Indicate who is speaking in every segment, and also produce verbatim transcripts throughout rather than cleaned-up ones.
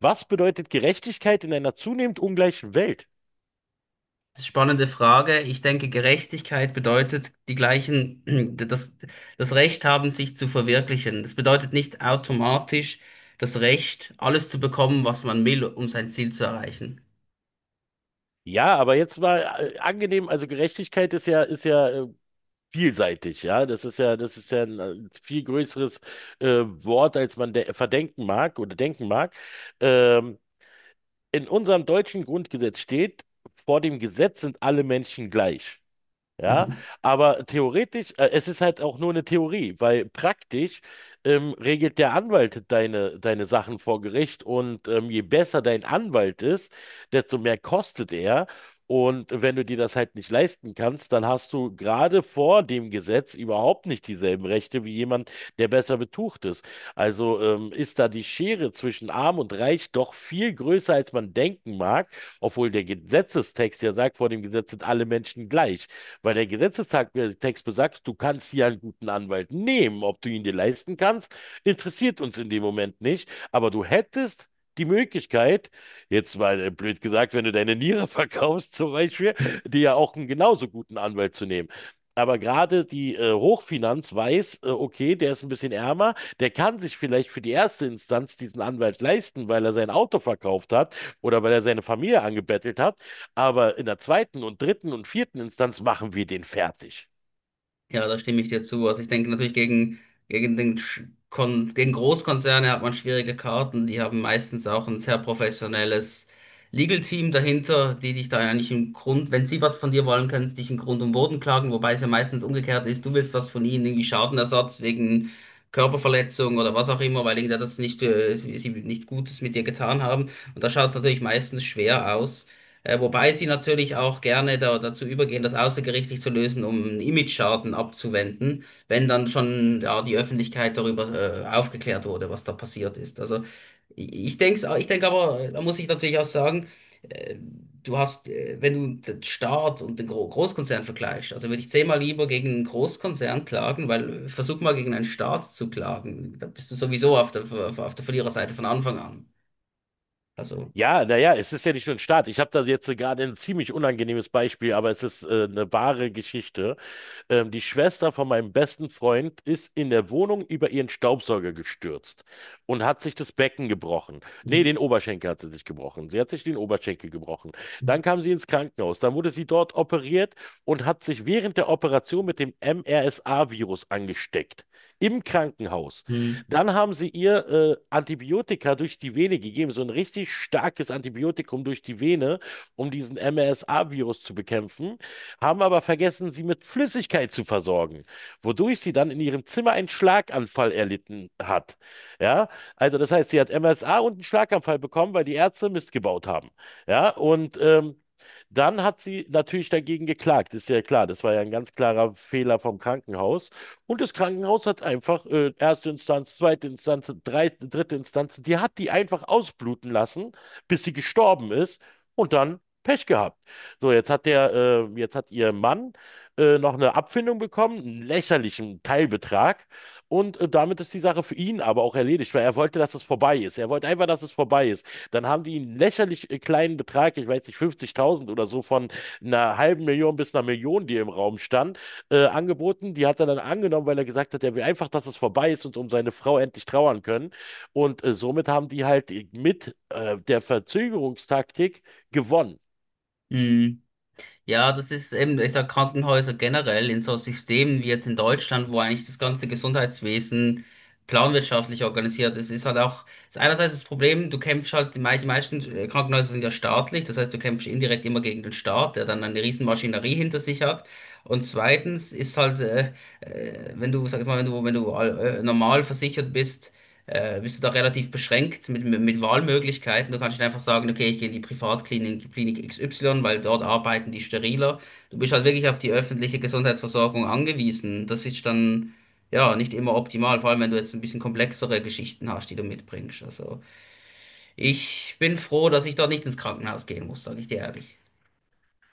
Speaker 1: Was bedeutet Gerechtigkeit in einer zunehmend ungleichen Welt?
Speaker 2: Spannende Frage. Ich denke, Gerechtigkeit bedeutet die gleichen, das, das Recht haben, sich zu verwirklichen. Das bedeutet nicht automatisch das Recht, alles zu bekommen, was man will, um sein Ziel zu erreichen.
Speaker 1: Ja, aber jetzt mal äh, angenehm, also Gerechtigkeit ist ja, ist ja äh, vielseitig, ja. Das ist ja, das ist ja ein äh, viel größeres äh, Wort, als man de verdenken mag oder denken mag. Ähm, in unserem deutschen Grundgesetz steht, vor dem Gesetz sind alle Menschen gleich. Ja,
Speaker 2: Mhm.
Speaker 1: aber theoretisch, äh, es ist halt auch nur eine Theorie, weil praktisch ähm, regelt der Anwalt deine, deine Sachen vor Gericht und ähm, je besser dein Anwalt ist, desto mehr kostet er. Und wenn du dir das halt nicht leisten kannst, dann hast du gerade vor dem Gesetz überhaupt nicht dieselben Rechte wie jemand, der besser betucht ist. Also ähm, ist da die Schere zwischen Arm und Reich doch viel größer, als man denken mag, obwohl der Gesetzestext ja sagt, vor dem Gesetz sind alle Menschen gleich. Weil der Gesetzestext besagt, du kannst dir einen guten Anwalt nehmen. Ob du ihn dir leisten kannst, interessiert uns in dem Moment nicht. Aber du hättest die Möglichkeit, jetzt mal äh, blöd gesagt, wenn du deine Niere verkaufst zum Beispiel, dir ja auch einen genauso guten Anwalt zu nehmen. Aber gerade die äh, Hochfinanz weiß, äh, okay, der ist ein bisschen ärmer, der kann sich vielleicht für die erste Instanz diesen Anwalt leisten, weil er sein Auto verkauft hat oder weil er seine Familie angebettelt hat. Aber in der zweiten und dritten und vierten Instanz machen wir den fertig.
Speaker 2: Ja, da stimme ich dir zu. Also ich denke natürlich gegen, gegen den Sch- Kon gegen Großkonzerne hat man schwierige Karten. Die haben meistens auch ein sehr professionelles Legal Team dahinter, die dich da eigentlich im Grund, wenn sie was von dir wollen, können sie dich im Grund und Boden klagen, wobei es ja meistens umgekehrt ist, du willst was von ihnen, irgendwie Schadenersatz wegen Körperverletzung oder was auch immer, weil irgendwer das nicht, äh, sie sie nichts Gutes mit dir getan haben. Und da schaut es natürlich meistens schwer aus. Äh, wobei sie natürlich auch gerne da, dazu übergehen, das außergerichtlich zu lösen, um einen Imageschaden abzuwenden, wenn dann schon ja, die Öffentlichkeit darüber äh, aufgeklärt wurde, was da passiert ist. Also ich, denke, ich denk aber, da muss ich natürlich auch sagen, äh, du hast, äh, wenn du den Staat und den Gro Großkonzern vergleichst, also würde ich zehnmal lieber gegen einen Großkonzern klagen, weil äh, versuch mal gegen einen Staat zu klagen, da bist du sowieso auf der, auf der Verliererseite von Anfang an. Also.
Speaker 1: Ja, naja, es ist ja nicht nur ein Staat. Ich habe da jetzt gerade ein ziemlich unangenehmes Beispiel, aber es ist äh, eine wahre Geschichte. Ähm, die Schwester von meinem besten Freund ist in der Wohnung über ihren Staubsauger gestürzt und hat sich das Becken gebrochen. Nee,
Speaker 2: Mhm.
Speaker 1: den Oberschenkel hat sie sich gebrochen. Sie hat sich den Oberschenkel gebrochen. Dann kam sie ins Krankenhaus. Dann wurde sie dort operiert und hat sich während der Operation mit dem M R S A-Virus angesteckt. Im Krankenhaus.
Speaker 2: Mhm.
Speaker 1: Dann haben sie ihr äh, Antibiotika durch die Vene gegeben, so ein richtig starkes Antibiotikum durch die Vene, um diesen M R S A-Virus zu bekämpfen, haben aber vergessen, sie mit Flüssigkeit zu versorgen, wodurch sie dann in ihrem Zimmer einen Schlaganfall erlitten hat. Ja, also das heißt, sie hat M S A und einen Schlaganfall bekommen, weil die Ärzte Mist gebaut haben. Ja, und ähm, dann hat sie natürlich dagegen geklagt, ist ja klar. Das war ja ein ganz klarer Fehler vom Krankenhaus. Und das Krankenhaus hat einfach äh, erste Instanz, zweite Instanz, drei, dritte Instanz, die hat die einfach ausbluten lassen, bis sie gestorben ist und dann Pech gehabt. So, jetzt hat der, äh, jetzt hat ihr Mann äh, noch eine Abfindung bekommen, einen lächerlichen Teilbetrag. Und äh, damit ist die Sache für ihn aber auch erledigt, weil er wollte, dass es vorbei ist. Er wollte einfach, dass es vorbei ist. Dann haben die einen lächerlich äh, kleinen Betrag, ich weiß nicht, fünfzigtausend oder so, von einer halben Million bis einer Million, die im Raum stand, äh, angeboten. Die hat er dann angenommen, weil er gesagt hat, er will einfach, dass es vorbei ist und um seine Frau endlich trauern können. Und äh, somit haben die halt mit äh, der Verzögerungstaktik gewonnen.
Speaker 2: Mhm. Ja, das ist eben, ich sag Krankenhäuser generell in so Systemen wie jetzt in Deutschland, wo eigentlich das ganze Gesundheitswesen planwirtschaftlich organisiert ist, ist halt auch, ist einerseits das Problem, du kämpfst halt, die, mei- die meisten äh, Krankenhäuser sind ja staatlich, das heißt, du kämpfst indirekt immer gegen den Staat, der dann eine riesen Maschinerie hinter sich hat. Und zweitens ist halt, äh, äh, wenn du, sag ich mal, wenn du, wenn du all- äh, normal versichert bist, äh, bist du da relativ beschränkt mit, mit mit Wahlmöglichkeiten. Du kannst nicht einfach sagen, okay, ich gehe in die Privatklinik Klinik X Y, weil dort arbeiten die steriler. Du bist halt wirklich auf die öffentliche Gesundheitsversorgung angewiesen. Das ist dann ja nicht immer optimal, vor allem wenn du jetzt ein bisschen komplexere Geschichten hast, die du mitbringst. Also ich bin froh, dass ich dort nicht ins Krankenhaus gehen muss, sage ich dir ehrlich.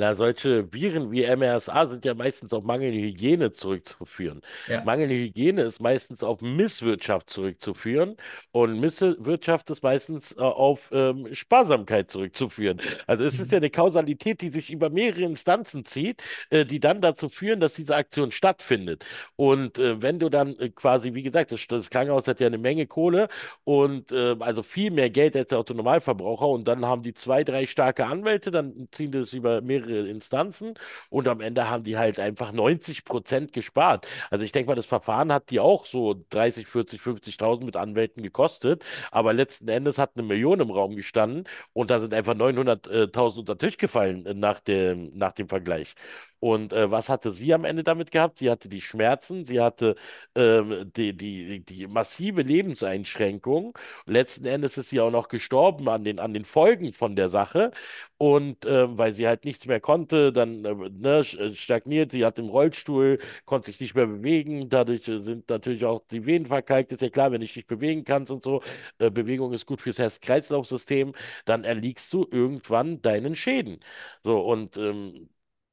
Speaker 1: Na, solche Viren wie M R S A sind ja meistens auf mangelnde Hygiene zurückzuführen.
Speaker 2: Ja.
Speaker 1: Mangelnde Hygiene ist meistens auf Misswirtschaft zurückzuführen und Misswirtschaft ist meistens äh, auf ähm, Sparsamkeit zurückzuführen. Also es ist ja eine Kausalität, die sich über mehrere Instanzen zieht, äh, die dann dazu führen, dass diese Aktion stattfindet. Und äh, wenn du dann äh, quasi, wie gesagt, das, das Krankenhaus hat ja eine Menge Kohle, und äh, also viel mehr Geld als der Autonormalverbraucher. Und dann haben die zwei, drei starke Anwälte, dann ziehen das über mehrere Instanzen und am Ende haben die halt einfach neunzig Prozent gespart. Also ich denke mal, das Verfahren hat die auch so dreißig, vierzig, fünfzigtausend mit Anwälten gekostet. Aber letzten Endes hat eine Million im Raum gestanden und da sind einfach neunhunderttausend unter den Tisch gefallen äh, nach dem, nach dem Vergleich. Und äh, was hatte sie am Ende damit gehabt? Sie hatte die Schmerzen, sie hatte ähm, die, die, die massive Lebenseinschränkung. Letzten Endes ist sie auch noch gestorben an den, an den Folgen von der Sache. Und ähm, weil sie halt nichts mehr konnte, dann äh, ne, sch- äh, stagniert, sie hat im Rollstuhl, konnte sich nicht mehr bewegen. Dadurch äh, sind natürlich auch die Venen verkalkt. Ist ja klar, wenn du dich nicht bewegen kannst und so, äh, Bewegung ist gut fürs Herz-Kreislauf-System, dann erliegst du irgendwann deinen Schäden. So, und ähm,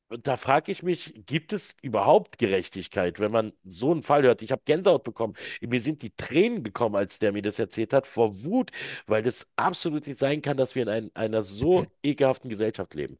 Speaker 1: und da frage ich mich, gibt es überhaupt Gerechtigkeit, wenn man so einen Fall hört? Ich habe Gänsehaut bekommen. Mir sind die Tränen gekommen, als der mir das erzählt hat, vor Wut, weil das absolut nicht sein kann, dass wir in ein, einer so ekelhaften Gesellschaft leben.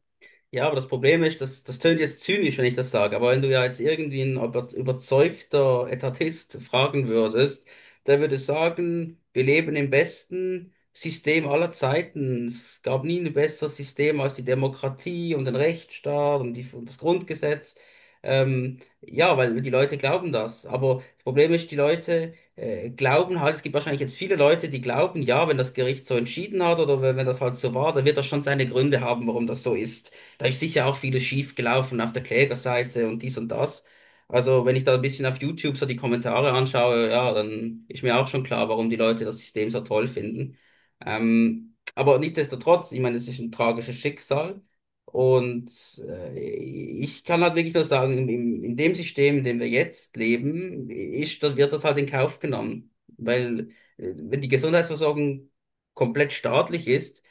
Speaker 2: Ja, aber das Problem ist, das, das tönt jetzt zynisch, wenn ich das sage, aber wenn du ja jetzt irgendwie ein über- überzeugter Etatist fragen würdest, der würde sagen, wir leben im besten System aller Zeiten. Es gab nie ein besseres System als die Demokratie und den Rechtsstaat und, die, und das Grundgesetz. Ähm, ja, weil die Leute glauben das. Aber das Problem ist, die Leute äh, glauben halt, es gibt wahrscheinlich jetzt viele Leute, die glauben, ja, wenn das Gericht so entschieden hat oder wenn, wenn das halt so war, dann wird das schon seine Gründe haben, warum das so ist. Da ist sicher auch vieles schief gelaufen auf der Klägerseite und dies und das. Also wenn ich da ein bisschen auf YouTube so die Kommentare anschaue, ja, dann ist mir auch schon klar, warum die Leute das System so toll finden. Ähm, aber nichtsdestotrotz, ich meine, es ist ein tragisches Schicksal. Und äh, ich kann halt wirklich nur sagen, in, in in dem System, in dem wir jetzt leben, ist, da wird das halt in Kauf genommen. Weil äh, wenn die Gesundheitsversorgung komplett staatlich ist,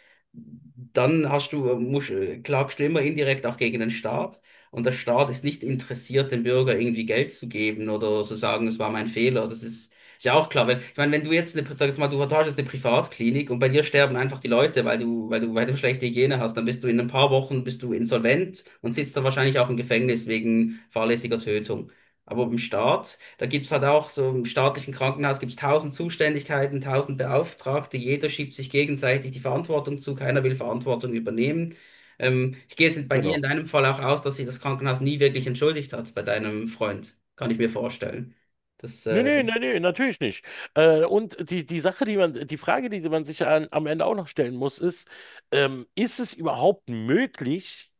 Speaker 2: dann hast du, musst, äh, klagst du immer indirekt auch gegen den Staat. Und der Staat ist nicht interessiert, dem Bürger irgendwie Geld zu geben oder zu sagen, es war mein Fehler. Das ist, ist ja auch klar. Wenn, ich meine, wenn du jetzt eine, sag jetzt mal, du hast jetzt eine Privatklinik und bei dir sterben einfach die Leute, weil du, weil du, weil du schlechte Hygiene hast, dann bist du in ein paar Wochen bist du insolvent und sitzt dann wahrscheinlich auch im Gefängnis wegen fahrlässiger Tötung. Aber im Staat, da gibt's halt auch so im staatlichen Krankenhaus gibt's tausend Zuständigkeiten, tausend Beauftragte, jeder schiebt sich gegenseitig die Verantwortung zu, keiner will Verantwortung übernehmen. Ähm, ich gehe jetzt bei dir in
Speaker 1: Genau.
Speaker 2: deinem Fall auch aus, dass sich das Krankenhaus nie wirklich entschuldigt hat bei deinem Freund. Kann ich mir vorstellen. Das,
Speaker 1: Nee,
Speaker 2: äh,
Speaker 1: nee, nee, nee, natürlich nicht. Äh, und die, die Sache, die man, die Frage, die man sich an, am Ende auch noch stellen muss, ist, ähm, ist es überhaupt möglich,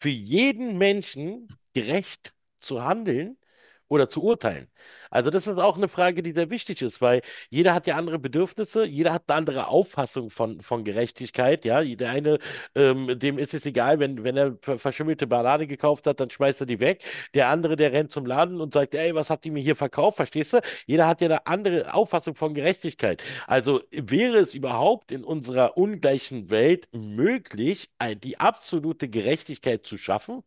Speaker 1: für jeden Menschen gerecht zu handeln oder zu urteilen. Also das ist auch eine Frage, die sehr wichtig ist, weil jeder hat ja andere Bedürfnisse, jeder hat eine andere Auffassung von, von Gerechtigkeit. Ja, der eine, ähm, dem ist es egal, wenn, wenn er ver- verschimmelte Banane gekauft hat, dann schmeißt er die weg. Der andere, der rennt zum Laden und sagt, ey, was habt ihr mir hier verkauft? Verstehst du? Jeder hat ja eine andere Auffassung von Gerechtigkeit. Also wäre es überhaupt in unserer ungleichen Welt möglich, ein- die absolute Gerechtigkeit zu schaffen?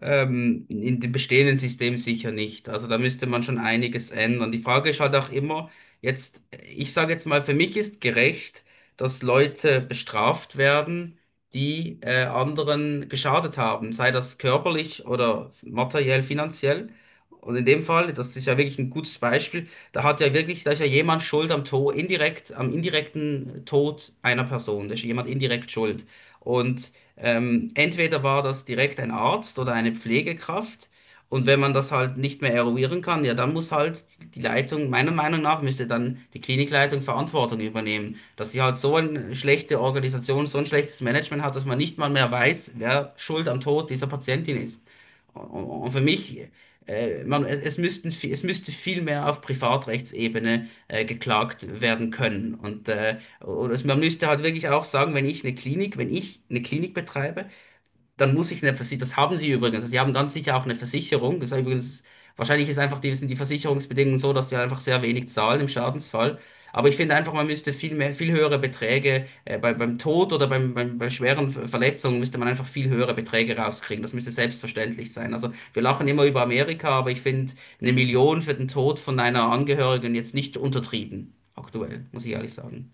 Speaker 2: Ähm, in dem bestehenden System sicher nicht. Also da müsste man schon einiges ändern. Die Frage ist halt auch immer, jetzt, ich sage jetzt mal, für mich ist gerecht, dass Leute bestraft werden, die äh, anderen geschadet haben, sei das körperlich oder materiell, finanziell. Und in dem Fall, das ist ja wirklich ein gutes Beispiel, da hat ja wirklich, da ist ja jemand schuld am Tod, indirekt, am indirekten Tod einer Person. Da ist jemand indirekt schuld. Und ähm, entweder war das direkt ein Arzt oder eine Pflegekraft. Und wenn man das halt nicht mehr eruieren kann, ja, dann muss halt die Leitung, meiner Meinung nach, müsste dann die Klinikleitung Verantwortung übernehmen, dass sie halt so eine schlechte Organisation, so ein schlechtes Management hat, dass man nicht mal mehr weiß, wer schuld am Tod dieser Patientin ist. Und für mich, äh, man, es müssten, vi- es müsste viel mehr auf Privatrechtsebene äh, geklagt werden können. Und äh, und also man müsste halt wirklich auch sagen, wenn ich eine Klinik, wenn ich eine Klinik betreibe, dann muss ich eine Versicherung, das haben sie übrigens, also sie haben ganz sicher auch eine Versicherung. Das ist übrigens, wahrscheinlich ist einfach die, sind die Versicherungsbedingungen so, dass sie einfach sehr wenig zahlen im Schadensfall. Aber ich finde einfach, man müsste viel mehr, viel höhere Beträge, äh, bei, beim Tod oder beim, beim, bei schweren Ver- Verletzungen müsste man einfach viel höhere Beträge rauskriegen. Das müsste selbstverständlich sein. Also wir lachen immer über Amerika, aber ich finde eine Million für den Tod von einer Angehörigen jetzt nicht untertrieben. Aktuell, muss ich ehrlich sagen.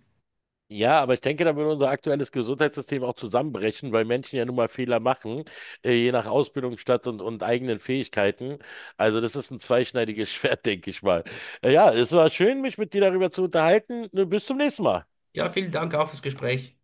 Speaker 1: Ja, aber ich denke, da würde unser aktuelles Gesundheitssystem auch zusammenbrechen, weil Menschen ja nun mal Fehler machen, äh, je nach Ausbildungsstand und, und eigenen Fähigkeiten. Also das ist ein zweischneidiges Schwert, denke ich mal. Äh, Ja, es war schön, mich mit dir darüber zu unterhalten. Äh, Bis zum nächsten Mal.
Speaker 2: Ja, vielen Dank auch fürs Gespräch.